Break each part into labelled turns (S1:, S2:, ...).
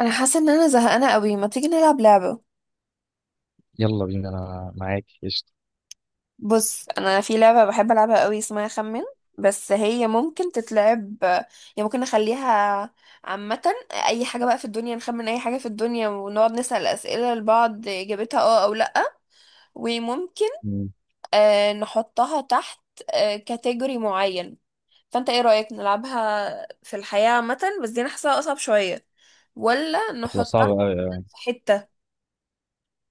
S1: انا حاسه ان انا زهقانه قوي. ما تيجي نلعب لعبه؟
S2: يلا بينا، انا معاك قشطة.
S1: بص، انا في لعبه بحب العبها قوي، اسمها خمن. بس هي ممكن تتلعب يعني، ممكن نخليها عامه. اي حاجه بقى في الدنيا، نخمن اي حاجه في الدنيا ونقعد نسال اسئله لبعض اجابتها اه او لا. وممكن
S2: مم.
S1: نحطها تحت كاتيجوري معين. فانت ايه رايك نلعبها في الحياه عامه؟ بس دي انا حاساها اصعب شويه. ولا
S2: هتبقى
S1: نحطها
S2: صعبة قوي، آه.
S1: في حته؟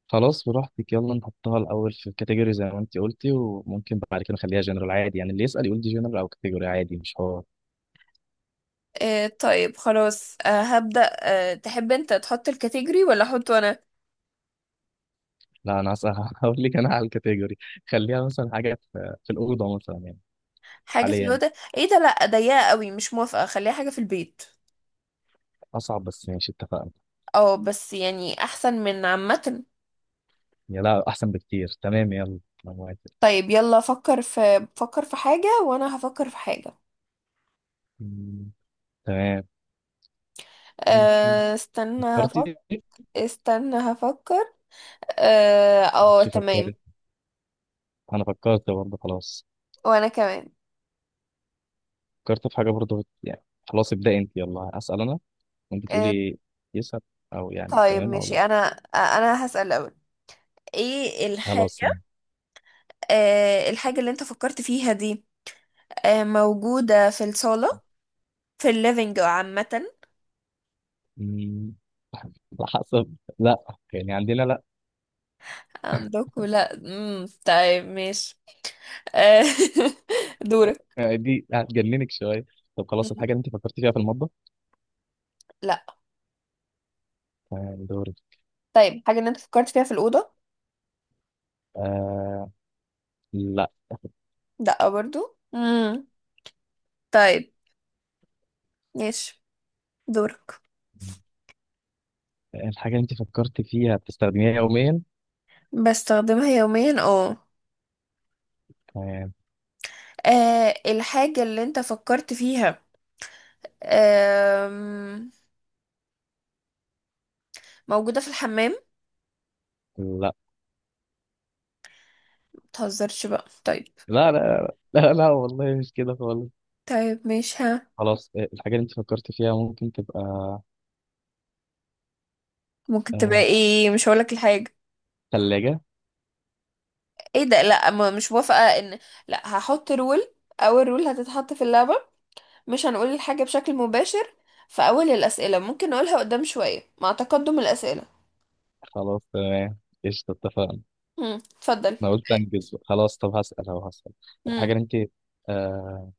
S2: خلاص براحتك، يلا نحطها الاول في كاتيجوري زي ما انت قلتي، وممكن بعد كده نخليها جنرال عادي، يعني اللي يسأل يقول دي جنرال او كاتيجوري، عادي مش هو.
S1: آه طيب خلاص. هبدأ. تحب انت تحط الكاتيجوري ولا احطه انا؟
S2: لا انا هسأل هقول لك انا على الكاتيجوري. خليها مثلا حاجة في الأوضة مثلا يعني
S1: حاجة في
S2: حاليا.
S1: الوضع. ايه ده؟ لا، ضيقة قوي، مش موافقة. خليها حاجة في البيت.
S2: اصعب بس ماشي، اتفقنا.
S1: اه بس يعني احسن من عامة.
S2: يا لا، احسن بكتير، تمام يلا. انا موافق.
S1: طيب يلا، فكر في حاجة وانا هفكر في حاجة.
S2: مم. تمام. ممكن.
S1: آه استنى هفكر.
S2: فكرتي.
S1: استنى هفكر اه، آه،
S2: ماشي
S1: تمام.
S2: فكرت. انا فكرت برضه، خلاص.
S1: وانا كمان.
S2: فكرت في حاجة برضه يعني. خلاص ابدأ انت، يلا اسأل انا. ممكن
S1: آه
S2: تقولي يسعد، او يعني
S1: طيب
S2: تمام او
S1: ماشي
S2: لا.
S1: انا. انا هسأل الاول. ايه
S2: خلاص.
S1: الحاجة آه الحاجة اللي انت فكرت فيها دي موجودة في الصالة، في الليفينج عامة؟
S2: أمم، على حسب لا. يعني عندنا لا.
S1: عندكم لا، طيب ماشي. آه، دورك.
S2: آه، دي هتجننك شويه. طب خلاص
S1: مم.
S2: الحاجه اللي انت فكرت فيها في المطبخ؟
S1: لا.
S2: تمام، دوري.
S1: طيب حاجة اللي انت فكرت فيها في الأوضة.
S2: آه لا.
S1: لا برضو. طيب ماشي، دورك.
S2: الحاجه اللي انت فكرت فيها بتستخدميها يوميا؟
S1: بستخدمها يوميا، اه.
S2: تمام.
S1: الحاجة اللي انت فكرت فيها آم، موجودة في الحمام؟
S2: لا
S1: متهزرش بقى طيب.
S2: لا لا لا، والله مش كده خالص.
S1: طيب ماشي، ها.
S2: خلاص، الحاجه اللي انت فكرت فيها ممكن تبقى
S1: ممكن تبقى
S2: آه
S1: ايه؟ مش هقولك الحاجة.
S2: ثلاجه؟
S1: ايه ده؟ لا، مش موافقة ان. لا، هحط رول. اول رول هتتحط في اللعبة: مش هنقول الحاجة بشكل مباشر في اول الاسئلة، ممكن نقولها قدام شوية مع تقدم الاسئلة.
S2: خلاص تمام، قشطه اتفقنا.
S1: اتفضل.
S2: انا قلت انجز بقى. خلاص طب هسأل، اهو هسأل. الحاجة
S1: امم
S2: اللي انت، آه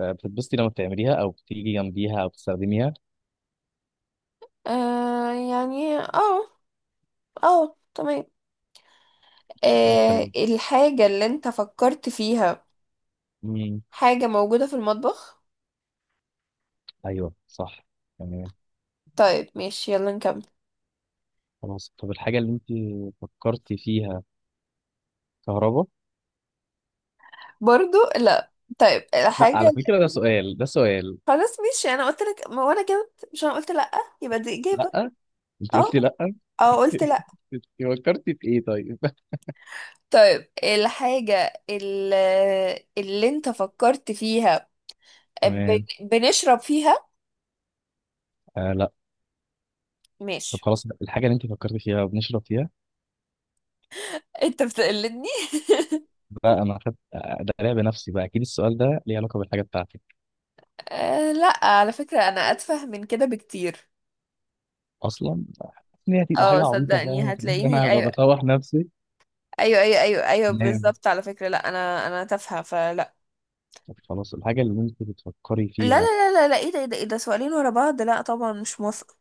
S2: بتتبسطي لما بتعمليها او بتيجي جنبيها او بتستخدميها؟
S1: يعني اه اه تمام.
S2: شكلها اتكلم.
S1: الحاجة اللي انت فكرت فيها
S2: مم،
S1: حاجة موجودة في المطبخ؟
S2: ايوه صح. تمام.
S1: طيب ماشي يلا نكمل.
S2: خلاص طب الحاجة اللي انت فكرتي فيها كهرباء؟
S1: برضو لا. طيب
S2: لا
S1: الحاجة.
S2: على فكرة ده سؤال، ده سؤال.
S1: خلاص ماشي، انا قلت لك ما، وانا كده، مش انا قلت لا؟ يبقى دي اجابة.
S2: لا، انت قلتي
S1: اه
S2: لا
S1: اه، قلت لا.
S2: انت فكرتي في ايه طيب؟
S1: طيب الحاجة اللي انت فكرت فيها
S2: تمام.
S1: بنشرب فيها؟
S2: آه لا. طب
S1: ماشي.
S2: خلاص الحاجة اللي انت فكرتي فيها وبنشرب فيها؟
S1: انت بتقلدني.
S2: بقى انا خدت، ده لعب نفسي بقى، اكيد السؤال ده ليه علاقة بالحاجة بتاعتك
S1: آه لا، على فكرة انا اتفه من كده بكتير.
S2: اصلا. ان هي هتبقى
S1: اه
S2: حاجه عبيطه
S1: صدقني
S2: فعلا، إن انا
S1: هتلاقيني
S2: هبقى
S1: ايوه
S2: بطوح نفسي.
S1: ايوه ايوه ايوه ايوه،
S2: نام.
S1: بالظبط. على فكرة لا، انا تافهة فلا.
S2: طب خلاص الحاجه اللي انت بتفكري
S1: لا لا
S2: فيها.
S1: لا لا لا، ايه ده ايه ده ايه ده؟ سؤالين ورا بعض، لا طبعا مش موافقة.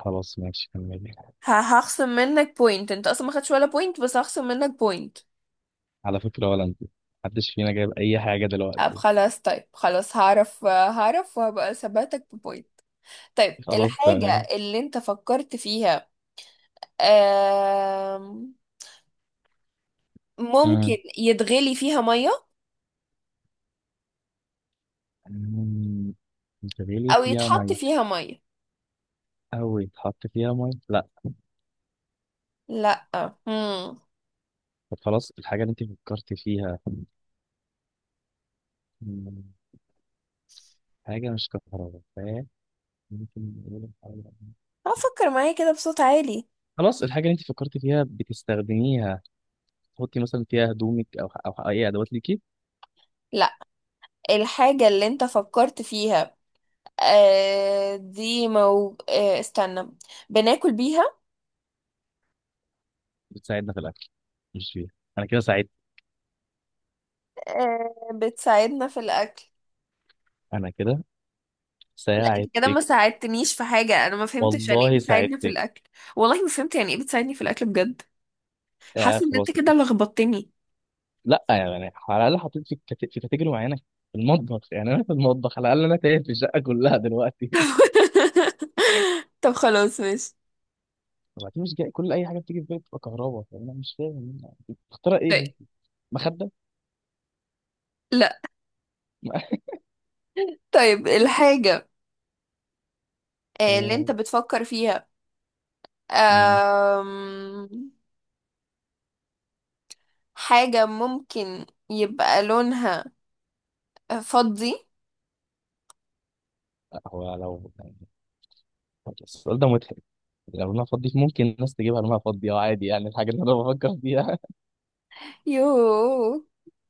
S2: خلاص ماشي كملي.
S1: هخصم منك بوينت. انت اصلا ما خدتش ولا بوينت، بس هخصم منك بوينت.
S2: على فكره ولا انت، محدش فينا جايب اي حاجه
S1: طب
S2: دلوقتي.
S1: خلاص، طيب خلاص، هعرف هعرف وهبقى ثباتك ببوينت. طيب
S2: خلاص
S1: الحاجة
S2: تمام.
S1: اللي انت فكرت فيها آم، ممكن
S2: مم.
S1: يتغلي فيها مية
S2: مم. انت بالي
S1: او
S2: فيها
S1: يتحط
S2: ميه
S1: فيها مية؟
S2: او يتحط فيها ميه؟ لا.
S1: لا. امم
S2: طب خلاص الحاجه اللي انت فكرتي فيها، مم، حاجه مش كهرباء، فاهم؟ ممكن نقول الحاجة-
S1: افكر معايا كده بصوت عالي.
S2: خلاص الحاجه اللي انت فكرتي فيها بتستخدميها، تحطي مثلا فيها هدومك او او اي ادوات ليكي؟
S1: لا. الحاجة اللي انت فكرت فيها آه، دي مو آه، استنى، بناكل بيها.
S2: بتساعدنا في الاكل، مش فيها. انا كده ساعدت،
S1: بتساعدنا في الاكل.
S2: انا كده
S1: لا انت كده
S2: ساعدتك.
S1: ما ساعدتنيش في حاجة، انا ما فهمتش يعني ايه
S2: والله
S1: بتساعدني في
S2: ساعدتك.
S1: الاكل. والله ما فهمت يعني ايه بتساعدني في الاكل بجد.
S2: آه
S1: حاسة ان انت
S2: خلاص يا
S1: كده
S2: فندم.
S1: لخبطتني.
S2: لا يعني على الاقل حطيت في كت- في كاتيجوري معينه، في المطبخ. يعني انا في المطبخ على الاقل، انا تايه في الشقه كلها دلوقتي
S1: طب خلاص ماشي.
S2: وبعدين مش جاي، كل اي حاجه بتيجي في بالي بتبقى كهرباء، انا مش فاهم اخترع ايه
S1: طيب.
S2: هنا. مخده؟
S1: لا. طيب الحاجة اللي انت
S2: تمام.
S1: بتفكر فيها
S2: مم.
S1: آم، حاجة ممكن يبقى لونها فضي؟
S2: لا، هو لو يعني، السؤال ده مضحك. لو انا فاضي ممكن الناس تجيبها لونها فاضي، اه عادي يعني الحاجه اللي انا بفكر فيها.
S1: يوه،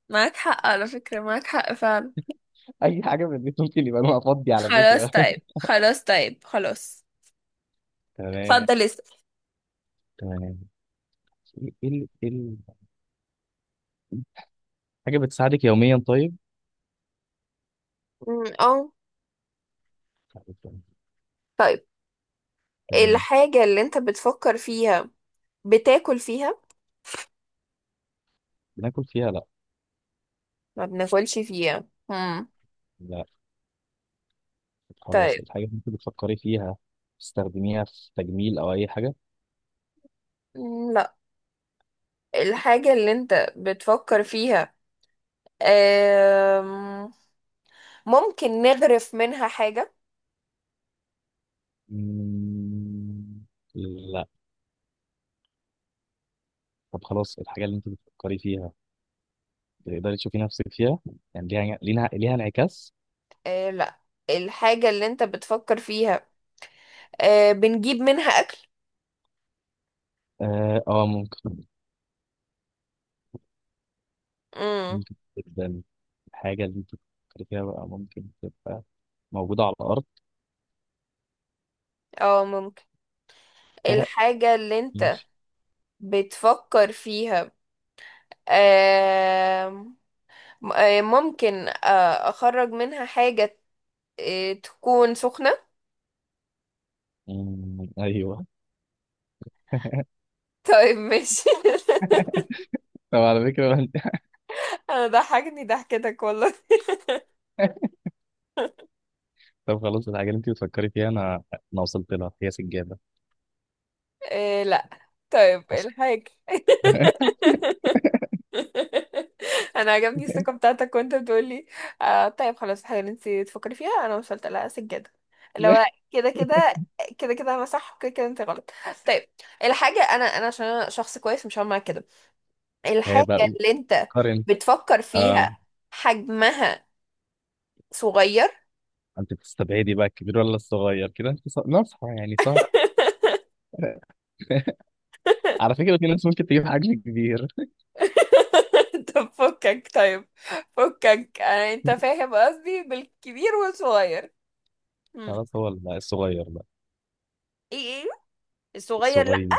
S1: معاك حق على فكرة، معاك حق فعلا.
S2: اي حاجه في البيت ممكن يبقى لونها فاضي على
S1: خلاص
S2: فكره
S1: طيب، خلاص طيب، خلاص.
S2: تمام.
S1: اتفضل اسأل.
S2: تمام. ايه إيه ال... إيه ال... حاجة بتساعدك يوميا طيب؟
S1: اه. طيب
S2: تمام.
S1: الحاجة اللي انت بتفكر فيها بتاكل فيها؟
S2: بناكل فيها؟ لا
S1: ما بناكلش فيها.
S2: لا. خلاص
S1: طيب.
S2: الحاجة اللي انت بتفكري فيها بتستخدميها في تجميل أو أي حاجة؟
S1: أمم، الحاجة اللي انت بتفكر فيها آم، ممكن نغرف منها حاجة؟
S2: مم، لا. طب خلاص الحاجة اللي انت بتفكري فيها، بتقدري تشوفي نفسك فيها؟ يعني ليها ليها ليها انعكاس؟
S1: لا. الحاجة اللي انت بتفكر فيها بنجيب منها أكل؟
S2: اه، ممكن،
S1: مم.
S2: ممكن جدا. الحاجة اللي انت بتفكري فيها بقى ممكن تبقى موجودة على الأرض؟
S1: اه ممكن. الحاجة اللي انت بتفكر فيها آم، م- آه، ممكن أخرج منها حاجة تكون سخنة.
S2: مم، أيوه
S1: طيب ماشي
S2: طب على فكرة
S1: انا ضحكني ضحكتك والله.
S2: طب خلاص الحاجة اللي انت بتفكري فيها انا، وصلت لها، هي سجادة
S1: آه لا. طيب
S2: اصلا
S1: الحاجة. انا عجبني الثقه بتاعتك وانت بتقولي. آه طيب خلاص، الحاجه اللي انت تفكري فيها انا وصلت لها سجاده، اللي هو كده كده، كده كده انا صح وكده كده انت غلط. طيب الحاجه، انا عشان انا شخص كويس مش هعمل معاك كده.
S2: هي
S1: الحاجه
S2: بقى
S1: اللي انت
S2: قارن،
S1: بتفكر
S2: آه
S1: فيها حجمها صغير.
S2: انت بتستبعدي بقى الكبير ولا الصغير كده؟ انت ص- ناصحة يعني، صح؟ على فكرة في ناس ممكن تجيب حجم كبير.
S1: طب فكك طيب، فكك. انت فاهم قصدي بالكبير والصغير. مم.
S2: خلاص هو ال- لا الصغير، لا
S1: ايه ايه، الصغير لا.
S2: الصغير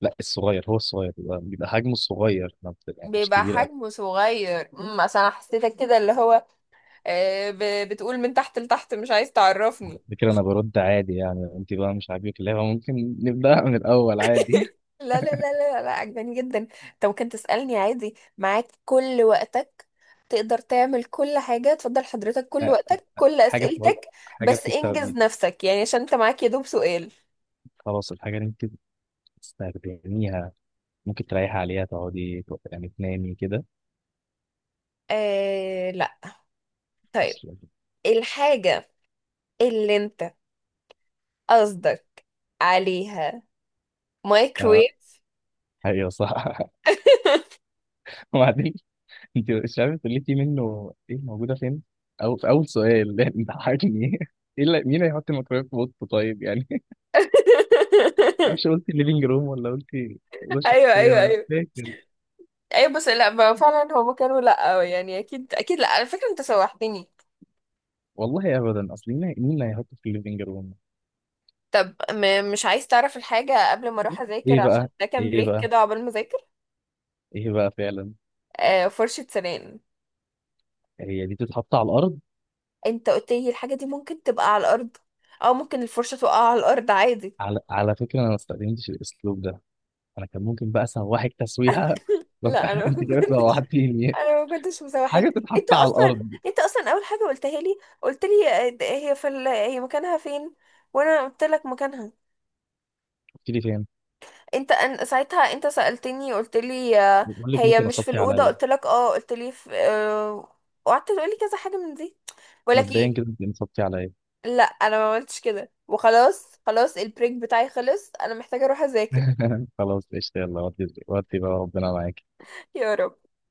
S2: لا، الصغير هو الصغير بيبقى، حجمه الصغير ما بت- يعني مش
S1: بيبقى
S2: كبير قوي.
S1: حجمه صغير، عشان أنا حسيتك كده، اللي هو بتقول من تحت لتحت مش عايز
S2: على
S1: تعرفني.
S2: فكرة انا برد عادي، يعني انت بقى مش عاجبك اللعبة ممكن نبدأها من الاول عادي.
S1: لا لا لا لا لا، عجباني جدا. انت ممكن تسألني عادي، معاك كل وقتك. تقدر تعمل كل حاجة، تفضل حضرتك، كل
S2: آه،
S1: وقتك كل
S2: حاجة بتقعد-
S1: أسئلتك.
S2: حاجة
S1: بس انجز
S2: بتستخدم،
S1: نفسك يعني، عشان انت معاك يدوب سؤال.
S2: خلاص الحاجة اللي انت بتستخدميها ممكن تريحي عليها، تقعدي تو- يعني تنامي كده
S1: آه لا. طيب
S2: اصلا؟
S1: الحاجة اللي انت قصدك عليها
S2: اه،
S1: مايكرويف.
S2: ايوه صح وبعدين انت مش عارفه قلتي منه ايه موجوده فين، او في اول سؤال انت حاجني. ايه اللي مين هيحط الميكرويف في اوضته طيب يعني معرفش قلتي ليفينج روم ولا قلتي اوضه
S1: ايوه
S2: شخصيه،
S1: ايوه
S2: انا مش
S1: ايوه
S2: فاكر.
S1: ايوه، بس لا. فعلا هما كانوا لا يعني، اكيد اكيد لا، على فكره انت سوحتني.
S2: والله ابدا، اصل مين، اللي هيحطه في الليفينج روم؟
S1: طب مش عايز تعرف الحاجه قبل ما اروح اذاكر،
S2: ايه
S1: عشان
S2: بقى،
S1: ده كان
S2: ايه
S1: بريك
S2: بقى
S1: كده عقبال ما اذاكر؟
S2: ايه بقى فعلا.
S1: آه، فرشه سنان.
S2: هي دي تتحط على الارض؟
S1: انت قلت لي الحاجه دي ممكن تبقى على الارض، او ممكن الفرشه تقع على الارض عادي.
S2: على، فكره انا ما استخدمتش الاسلوب ده، انا كان ممكن بقى اسوحك تسويحه بس
S1: لا انا ما
S2: انت كده
S1: كنتش.
S2: سوحتيني.
S1: انا ما كنتش مسوحاك.
S2: حاجه
S1: انت
S2: تتحط على
S1: اصلا
S2: الارض.
S1: انت اصلا اول حاجه قلتها لي، قلت لي هي مكانها فين. وانا قلت لك مكانها.
S2: قلت لي فين.
S1: انت ان ساعتها انت سألتني، قلت لي
S2: بقول لك
S1: هي
S2: انت
S1: مش في
S2: نصبتي
S1: الأوضة.
S2: عليا.
S1: قلت لك اه، قلت لي في. وقعدت تقولي كذا حاجة من دي. بقول لك ايه؟
S2: مبدئيا كده انت نصبتي عليا.
S1: لا انا ما عملتش كده. وخلاص خلاص، البريك بتاعي خلص، انا محتاجة اروح اذاكر.
S2: خلاص قشطه، يلا ودي، بقى ربنا معاك.
S1: يا رب.